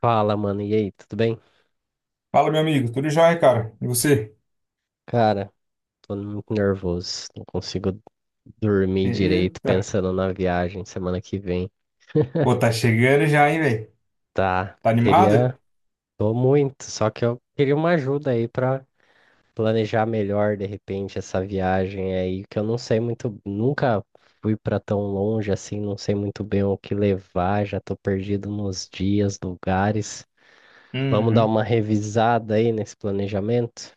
Fala, mano. E aí, tudo bem? Fala, meu amigo. Tudo jóia, cara? E você? Cara, tô muito nervoso. Não consigo dormir direito Eita. pensando na viagem semana que vem. Pô, tá chegando já, hein, velho? Tá, Tá animado? queria. Tô muito, só que eu queria uma ajuda aí pra planejar melhor de repente essa viagem aí, que eu não sei muito. Nunca fui pra tão longe assim, não sei muito bem o que levar, já tô perdido nos dias, lugares. Vamos dar Uhum. uma revisada aí nesse planejamento?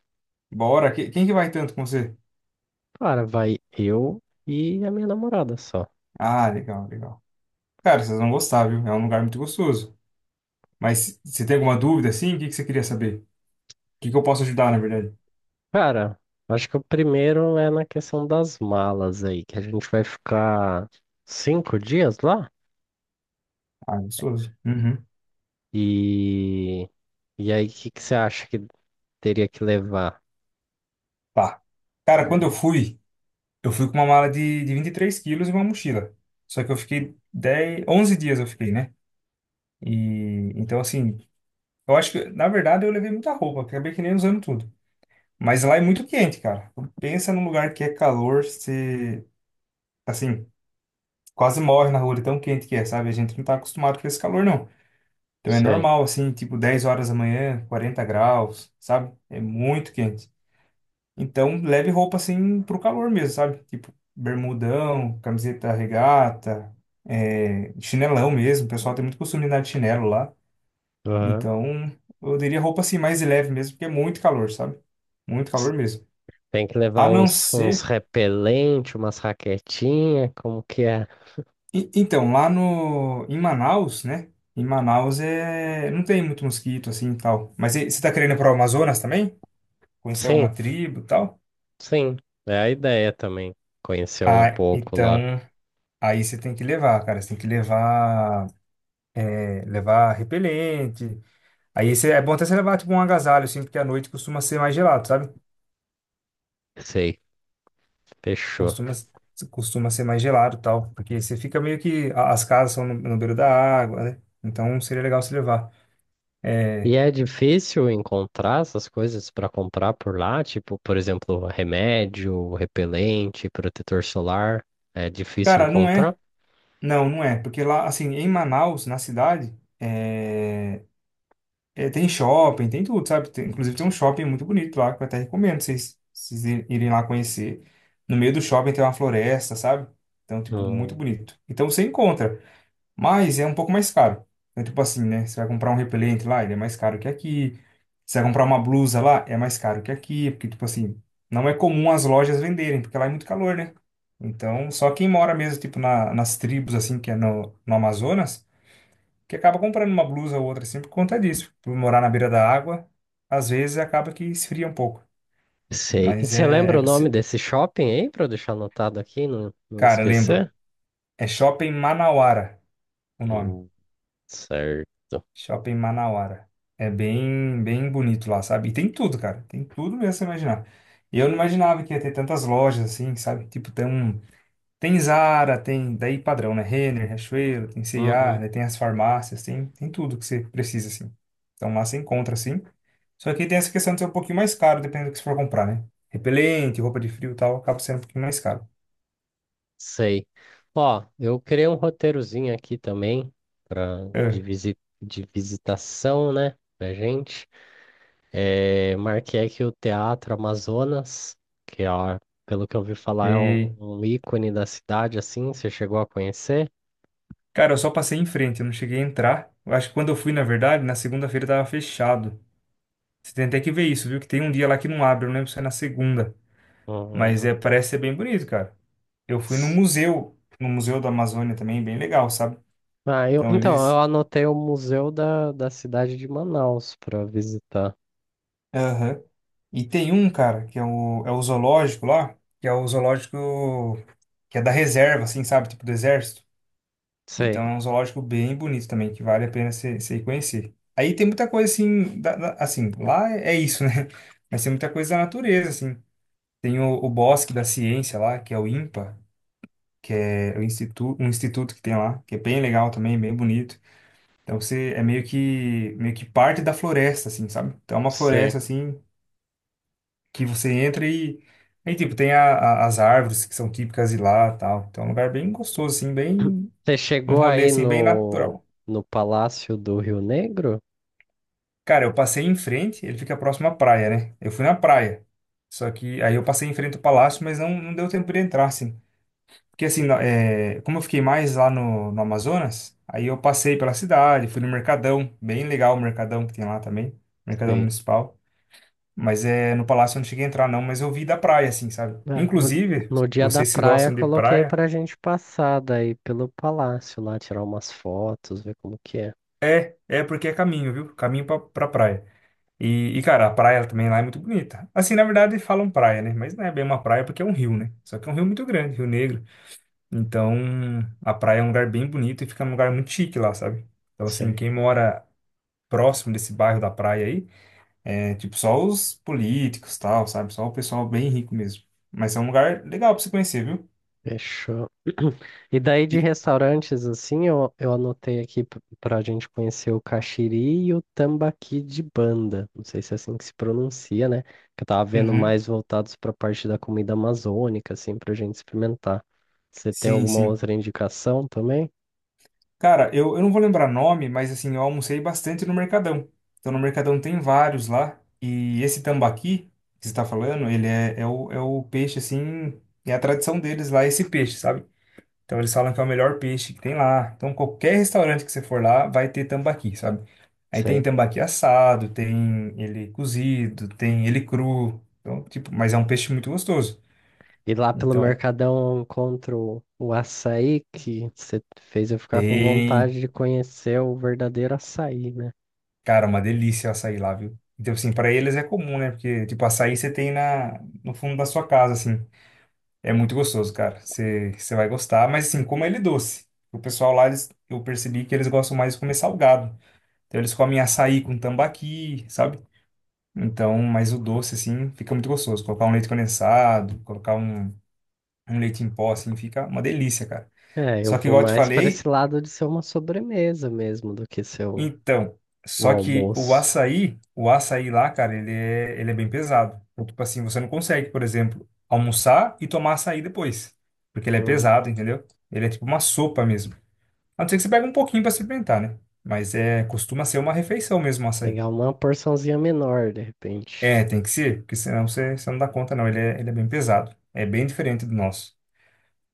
Bora. Quem que vai tanto com você? Cara, vai eu e a minha namorada só. Ah, legal, legal. Cara, vocês vão gostar, viu? É um lugar muito gostoso. Mas você tem alguma dúvida, assim? O que que você queria saber? O que que eu posso ajudar, na verdade? Cara, acho que o primeiro é na questão das malas aí, que a gente vai ficar 5 dias lá. Ah, gostoso. Uhum. E, e aí, o que que você acha que teria que levar? Tá. Cara, quando eu fui com uma mala de 23 quilos e uma mochila. Só que eu fiquei 10, 11 dias eu fiquei, né? E, então, assim, eu acho que, na verdade, eu levei muita roupa. Acabei que nem usando tudo. Mas lá é muito quente, cara. Pensa num lugar que é calor, se assim, quase morre na rua, de tão quente que é, sabe? A gente não tá acostumado com esse calor, não. Então é Sei. normal, assim, tipo 10 horas da manhã, 40 graus, sabe? É muito quente. Então leve roupa, assim, pro calor mesmo, sabe? Tipo, bermudão, camiseta regata, é, chinelão mesmo. O pessoal tem muito costume de andar de chinelo lá. Aham. Então eu diria roupa, assim, mais leve mesmo, porque é muito calor, sabe? Muito calor mesmo. Tem que levar A não uns ser. repelentes, umas raquetinhas, como que é? Então, lá no, em Manaus, né? Em Manaus não tem muito mosquito assim e tal. Mas você tá querendo ir pro Amazonas também? Conhecer alguma Sim, tribo e tal? sim. É a ideia também. Conhecer um Ah, pouco lá. então, aí você tem que levar, cara. Você tem que levar, levar repelente. Aí você, é bom até você levar tipo um agasalho, assim, porque à noite costuma ser mais gelado, sabe? Sei, fechou. Costuma, costuma ser mais gelado e tal. Porque você fica meio que, as casas são no beiro da água, né? Então seria legal você levar. E É, é difícil encontrar essas coisas para comprar por lá, tipo, por exemplo, remédio, repelente, protetor solar. É difícil cara, não é. encontrar. Não, não é, porque lá, assim, em Manaus, na cidade, é, tem shopping, tem tudo, sabe? Inclusive tem um shopping muito bonito lá, que eu até recomendo vocês irem lá conhecer. No meio do shopping tem uma floresta, sabe? Então, tipo, muito Não bonito. Então você encontra. Mas é um pouco mais caro. Então, tipo assim, né? Você vai comprar um repelente lá, ele é mais caro que aqui. Você vai comprar uma blusa lá, é mais caro que aqui. Porque, tipo assim, não é comum as lojas venderem, porque lá é muito calor, né? Então, só quem mora mesmo, tipo, nas tribos, assim, que é no Amazonas, que acaba comprando uma blusa ou outra, assim, por conta disso. Por morar na beira da água, às vezes acaba que esfria um pouco. sei. E Mas você lembra o nome desse shopping aí, para eu deixar anotado aqui, não cara, lembro. esquecer? É Shopping Manauara o nome. Hum, certo. Shopping Manauara. É bem, bem bonito lá, sabe? E tem tudo, cara. Tem tudo mesmo que você imaginar. E eu não imaginava que ia ter tantas lojas assim, sabe? Tipo, tem um. Tem Zara, tem. Daí padrão, né? Renner, Riachuelo, tem C&A, Uhum, né? Tem as farmácias, tem, tem tudo que você precisa, assim. Então lá você encontra, assim. Só que tem essa questão de ser um pouquinho mais caro, dependendo do que você for comprar, né? Repelente, roupa de frio e tal, acaba sendo um pouquinho mais caro. sei. Ó, eu criei um roteirozinho aqui também para É, de visitação, né, pra gente. É, marquei aqui o Teatro Amazonas, que ó, pelo que eu ouvi falar é um, sei. um ícone da cidade, assim, você chegou a conhecer? Cara, eu só passei em frente, eu não cheguei a entrar. Eu acho que quando eu fui, na verdade, na segunda-feira tava fechado. Você tem até que ver isso, viu? Que tem um dia lá que não abre, eu não lembro se é na segunda. Um- Mas um, é, parece ser bem bonito, cara. Eu fui no museu, no Museu da Amazônia também, bem legal, sabe? Ah, eu, Então então, eu eles. anotei o Museu da Cidade de Manaus para visitar. Aham. E tem um, cara, que é o zoológico lá, que é o zoológico que é da reserva, assim, sabe? Tipo do exército. Então Sei, é um zoológico bem bonito também, que vale a pena você ir conhecer. Aí tem muita coisa assim, assim, lá é isso, né? Mas tem muita coisa da natureza, assim. Tem o Bosque da Ciência lá, que é o INPA. Que é o instituto, um instituto que tem lá, que é bem legal também, bem bonito. Então você é meio que parte da floresta, assim, sabe? Então é uma sei. floresta assim que você entra e aí tipo tem as árvores que são típicas de lá, tal. Então é um lugar bem gostoso, assim, bem Você um chegou rolê aí assim bem no, natural. no, Palácio do Rio Negro? Cara, eu passei em frente, ele fica próximo à praia, né? Eu fui na praia. Só que aí eu passei em frente ao palácio, mas não deu tempo de entrar, assim. Porque assim, como eu fiquei mais lá no Amazonas, aí eu passei pela cidade, fui no Mercadão, bem legal o Mercadão que tem lá também, Mercadão Sei. Municipal. Mas é, no palácio eu não cheguei a entrar não, mas eu vi da praia, assim, sabe? É, no, Inclusive, no dia da vocês que praia gostam de coloquei praia, pra gente passar daí pelo palácio lá, tirar umas fotos, ver como que é. É porque é caminho, viu? Caminho pra praia. E, cara, a praia também lá é muito bonita. Assim, na verdade, falam praia, né? Mas não é bem uma praia porque é um rio, né? Só que é um rio muito grande, Rio Negro. Então, a praia é um lugar bem bonito e fica num lugar muito chique lá, sabe? Então, assim, quem mora próximo desse bairro da praia aí. É, tipo, só os políticos, tal, sabe? Só o pessoal bem rico mesmo. Mas é um lugar legal pra você conhecer, viu? Fechou. E daí de E- restaurantes, assim, eu anotei aqui pra gente conhecer o Caxiri e o Tambaqui de Banda. Não sei se é assim que se pronuncia, né? Que eu tava vendo Uhum. mais voltados pra parte da comida amazônica, assim, pra gente experimentar. Você tem Sim, alguma sim. outra indicação também? Cara, eu não vou lembrar nome, mas assim, eu almocei bastante no Mercadão. Então, no Mercadão tem vários lá. E esse tambaqui que você tá falando, ele é o peixe, assim, é a tradição deles lá, esse peixe, sabe? Então, eles falam que é o melhor peixe que tem lá. Então, qualquer restaurante que você for lá, vai ter tambaqui, sabe? Aí tem Sei. tambaqui assado, tem ele cozido, tem ele cru. Então, tipo, mas é um peixe muito gostoso. E lá pelo Então, Mercadão eu encontro o açaí que você fez eu ficar com tem, vontade de conhecer o verdadeiro açaí, né? cara, uma delícia o açaí lá, viu? Então, assim, para eles é comum, né? Porque, tipo, açaí você tem no fundo da sua casa, assim. É muito gostoso, cara. Você vai gostar, mas, assim, como ele é doce. O pessoal lá, eles, eu percebi que eles gostam mais de comer salgado. Então, eles comem açaí com tambaqui, sabe? Então, mas o doce, assim, fica muito gostoso. Colocar um leite condensado, colocar um leite em pó, assim, fica uma delícia, cara. É, eu Só que, vou igual eu te mais para esse falei, lado de ser uma sobremesa mesmo do que ser o, então, o só que almoço. O açaí lá, cara, ele é bem pesado. Então, tipo assim, você não consegue, por exemplo, almoçar e tomar açaí depois, porque ele é Hum, pesado, entendeu? Ele é tipo uma sopa mesmo. A não ser que você pegue um pouquinho pra experimentar, né? Mas é, costuma ser uma refeição mesmo o açaí. pegar uma porçãozinha menor, de repente. É, tem que ser, porque senão você não dá conta, não. Ele é bem pesado. É bem diferente do nosso.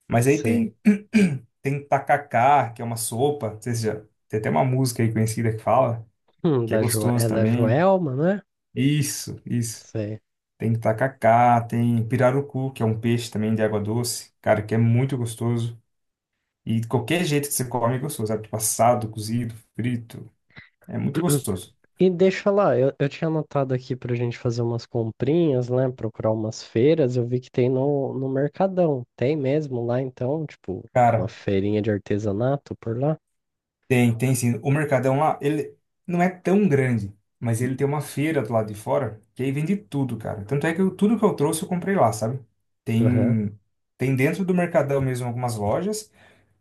Mas aí Sei. tem, tem tacacá, que é uma sopa, não sei se já, tem até uma música aí conhecida que fala, que é É gostoso da também. Joelma, né? Isso, isso. Sei. Tem tacacá, tem pirarucu, que é um peixe também de água doce, cara, que é muito gostoso. E qualquer jeito que você come é gostoso, sabe? Tipo assado, cozido, frito, é muito gostoso. E deixa eu falar, eu tinha anotado aqui pra gente fazer umas comprinhas, né? Procurar umas feiras, eu vi que tem no, Mercadão. Tem mesmo lá, então, tipo, uma Cara, feirinha de artesanato por lá? tem, tem sim. O Mercadão lá, ele não é tão grande, mas ele tem uma feira do lado de fora, que aí vende tudo, cara. Tanto é que eu- tudo que eu trouxe eu comprei lá, sabe? Aham, Tem, tem dentro do Mercadão mesmo algumas lojas,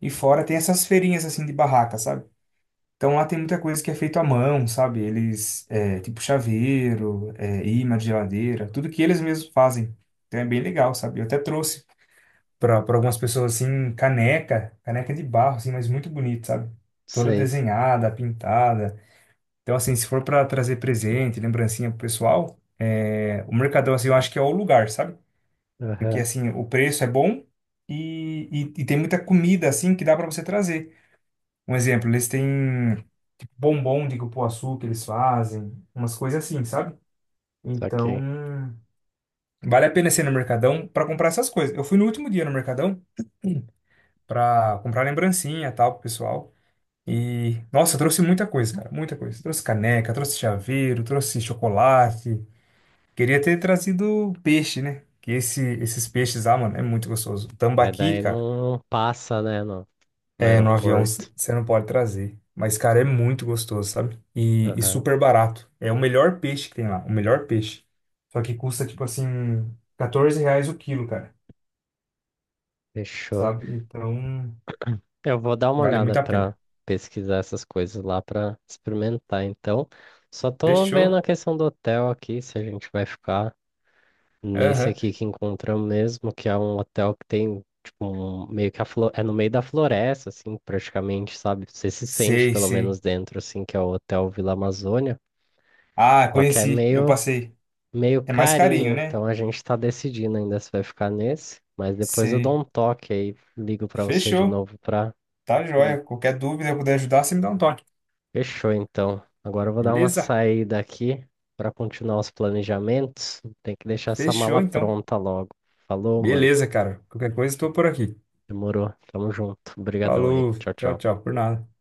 e fora tem essas feirinhas assim de barraca, sabe? Então lá tem muita coisa que é feito à mão, sabe? Eles, é, tipo chaveiro, é, imã de geladeira, tudo que eles mesmos fazem. Então é bem legal, sabe? Eu até trouxe para algumas pessoas assim, caneca, caneca de barro, assim, mas muito bonito, sabe? Toda sei. desenhada, pintada. Então, assim, se for para trazer presente, lembrancinha pro pessoal, é, o Mercadão, assim, eu acho que é o lugar, sabe? Porque, Aham, assim, o preço é bom e, e tem muita comida, assim, que dá para você trazer. Um exemplo, eles têm tipo, bombom de cupuaçu que eles fazem, umas coisas assim, sabe? saquei. Então, vale a pena ser no Mercadão para comprar essas coisas. Eu fui no último dia no Mercadão pra comprar lembrancinha e tal pro pessoal. E, nossa, eu trouxe muita coisa, cara, muita coisa. Trouxe caneca, trouxe chaveiro, trouxe chocolate. Queria ter trazido peixe, né? Que esses peixes lá, mano, é muito gostoso. Mas Tambaqui, daí cara, não passa, né? No é, no avião aeroporto. você não pode trazer. Mas, cara, é muito gostoso, sabe? E, Aham, super barato. É o melhor peixe que tem lá, o melhor peixe. Só que custa, tipo assim, R$ 14 o quilo, cara, fechou. sabe? Então, Eu vou dar uma vale olhada muito a para pena. pesquisar essas coisas lá para experimentar, então. Só tô vendo Fechou. a questão do hotel aqui, se a gente vai ficar nesse Aham. aqui que encontramos mesmo, que é um hotel que tem tipo um, meio que é no meio da floresta, assim, praticamente, sabe? Você se sente Sei, pelo sei. menos dentro, assim, que é o Hotel Vila Amazônia. Ah, Só que é conheci, eu meio passei. Meio É mais carinho, carinho, né? então a gente tá decidindo ainda se vai ficar nesse, mas depois eu dou Sei. um toque aí, ligo pra você de Fechou. novo pra. Tá Hum, joia. Qualquer dúvida eu puder ajudar, você me dá um toque. Fechou então. Agora eu vou dar uma Beleza? saída aqui pra continuar os planejamentos. Tem que deixar essa Fechou, mala então. pronta logo. Falou, mano. Beleza, cara. Qualquer coisa, estou por aqui. Demorou. Tamo junto. Obrigadão aí. Falou. Tchau, Tchau, tchau. tchau. Por nada.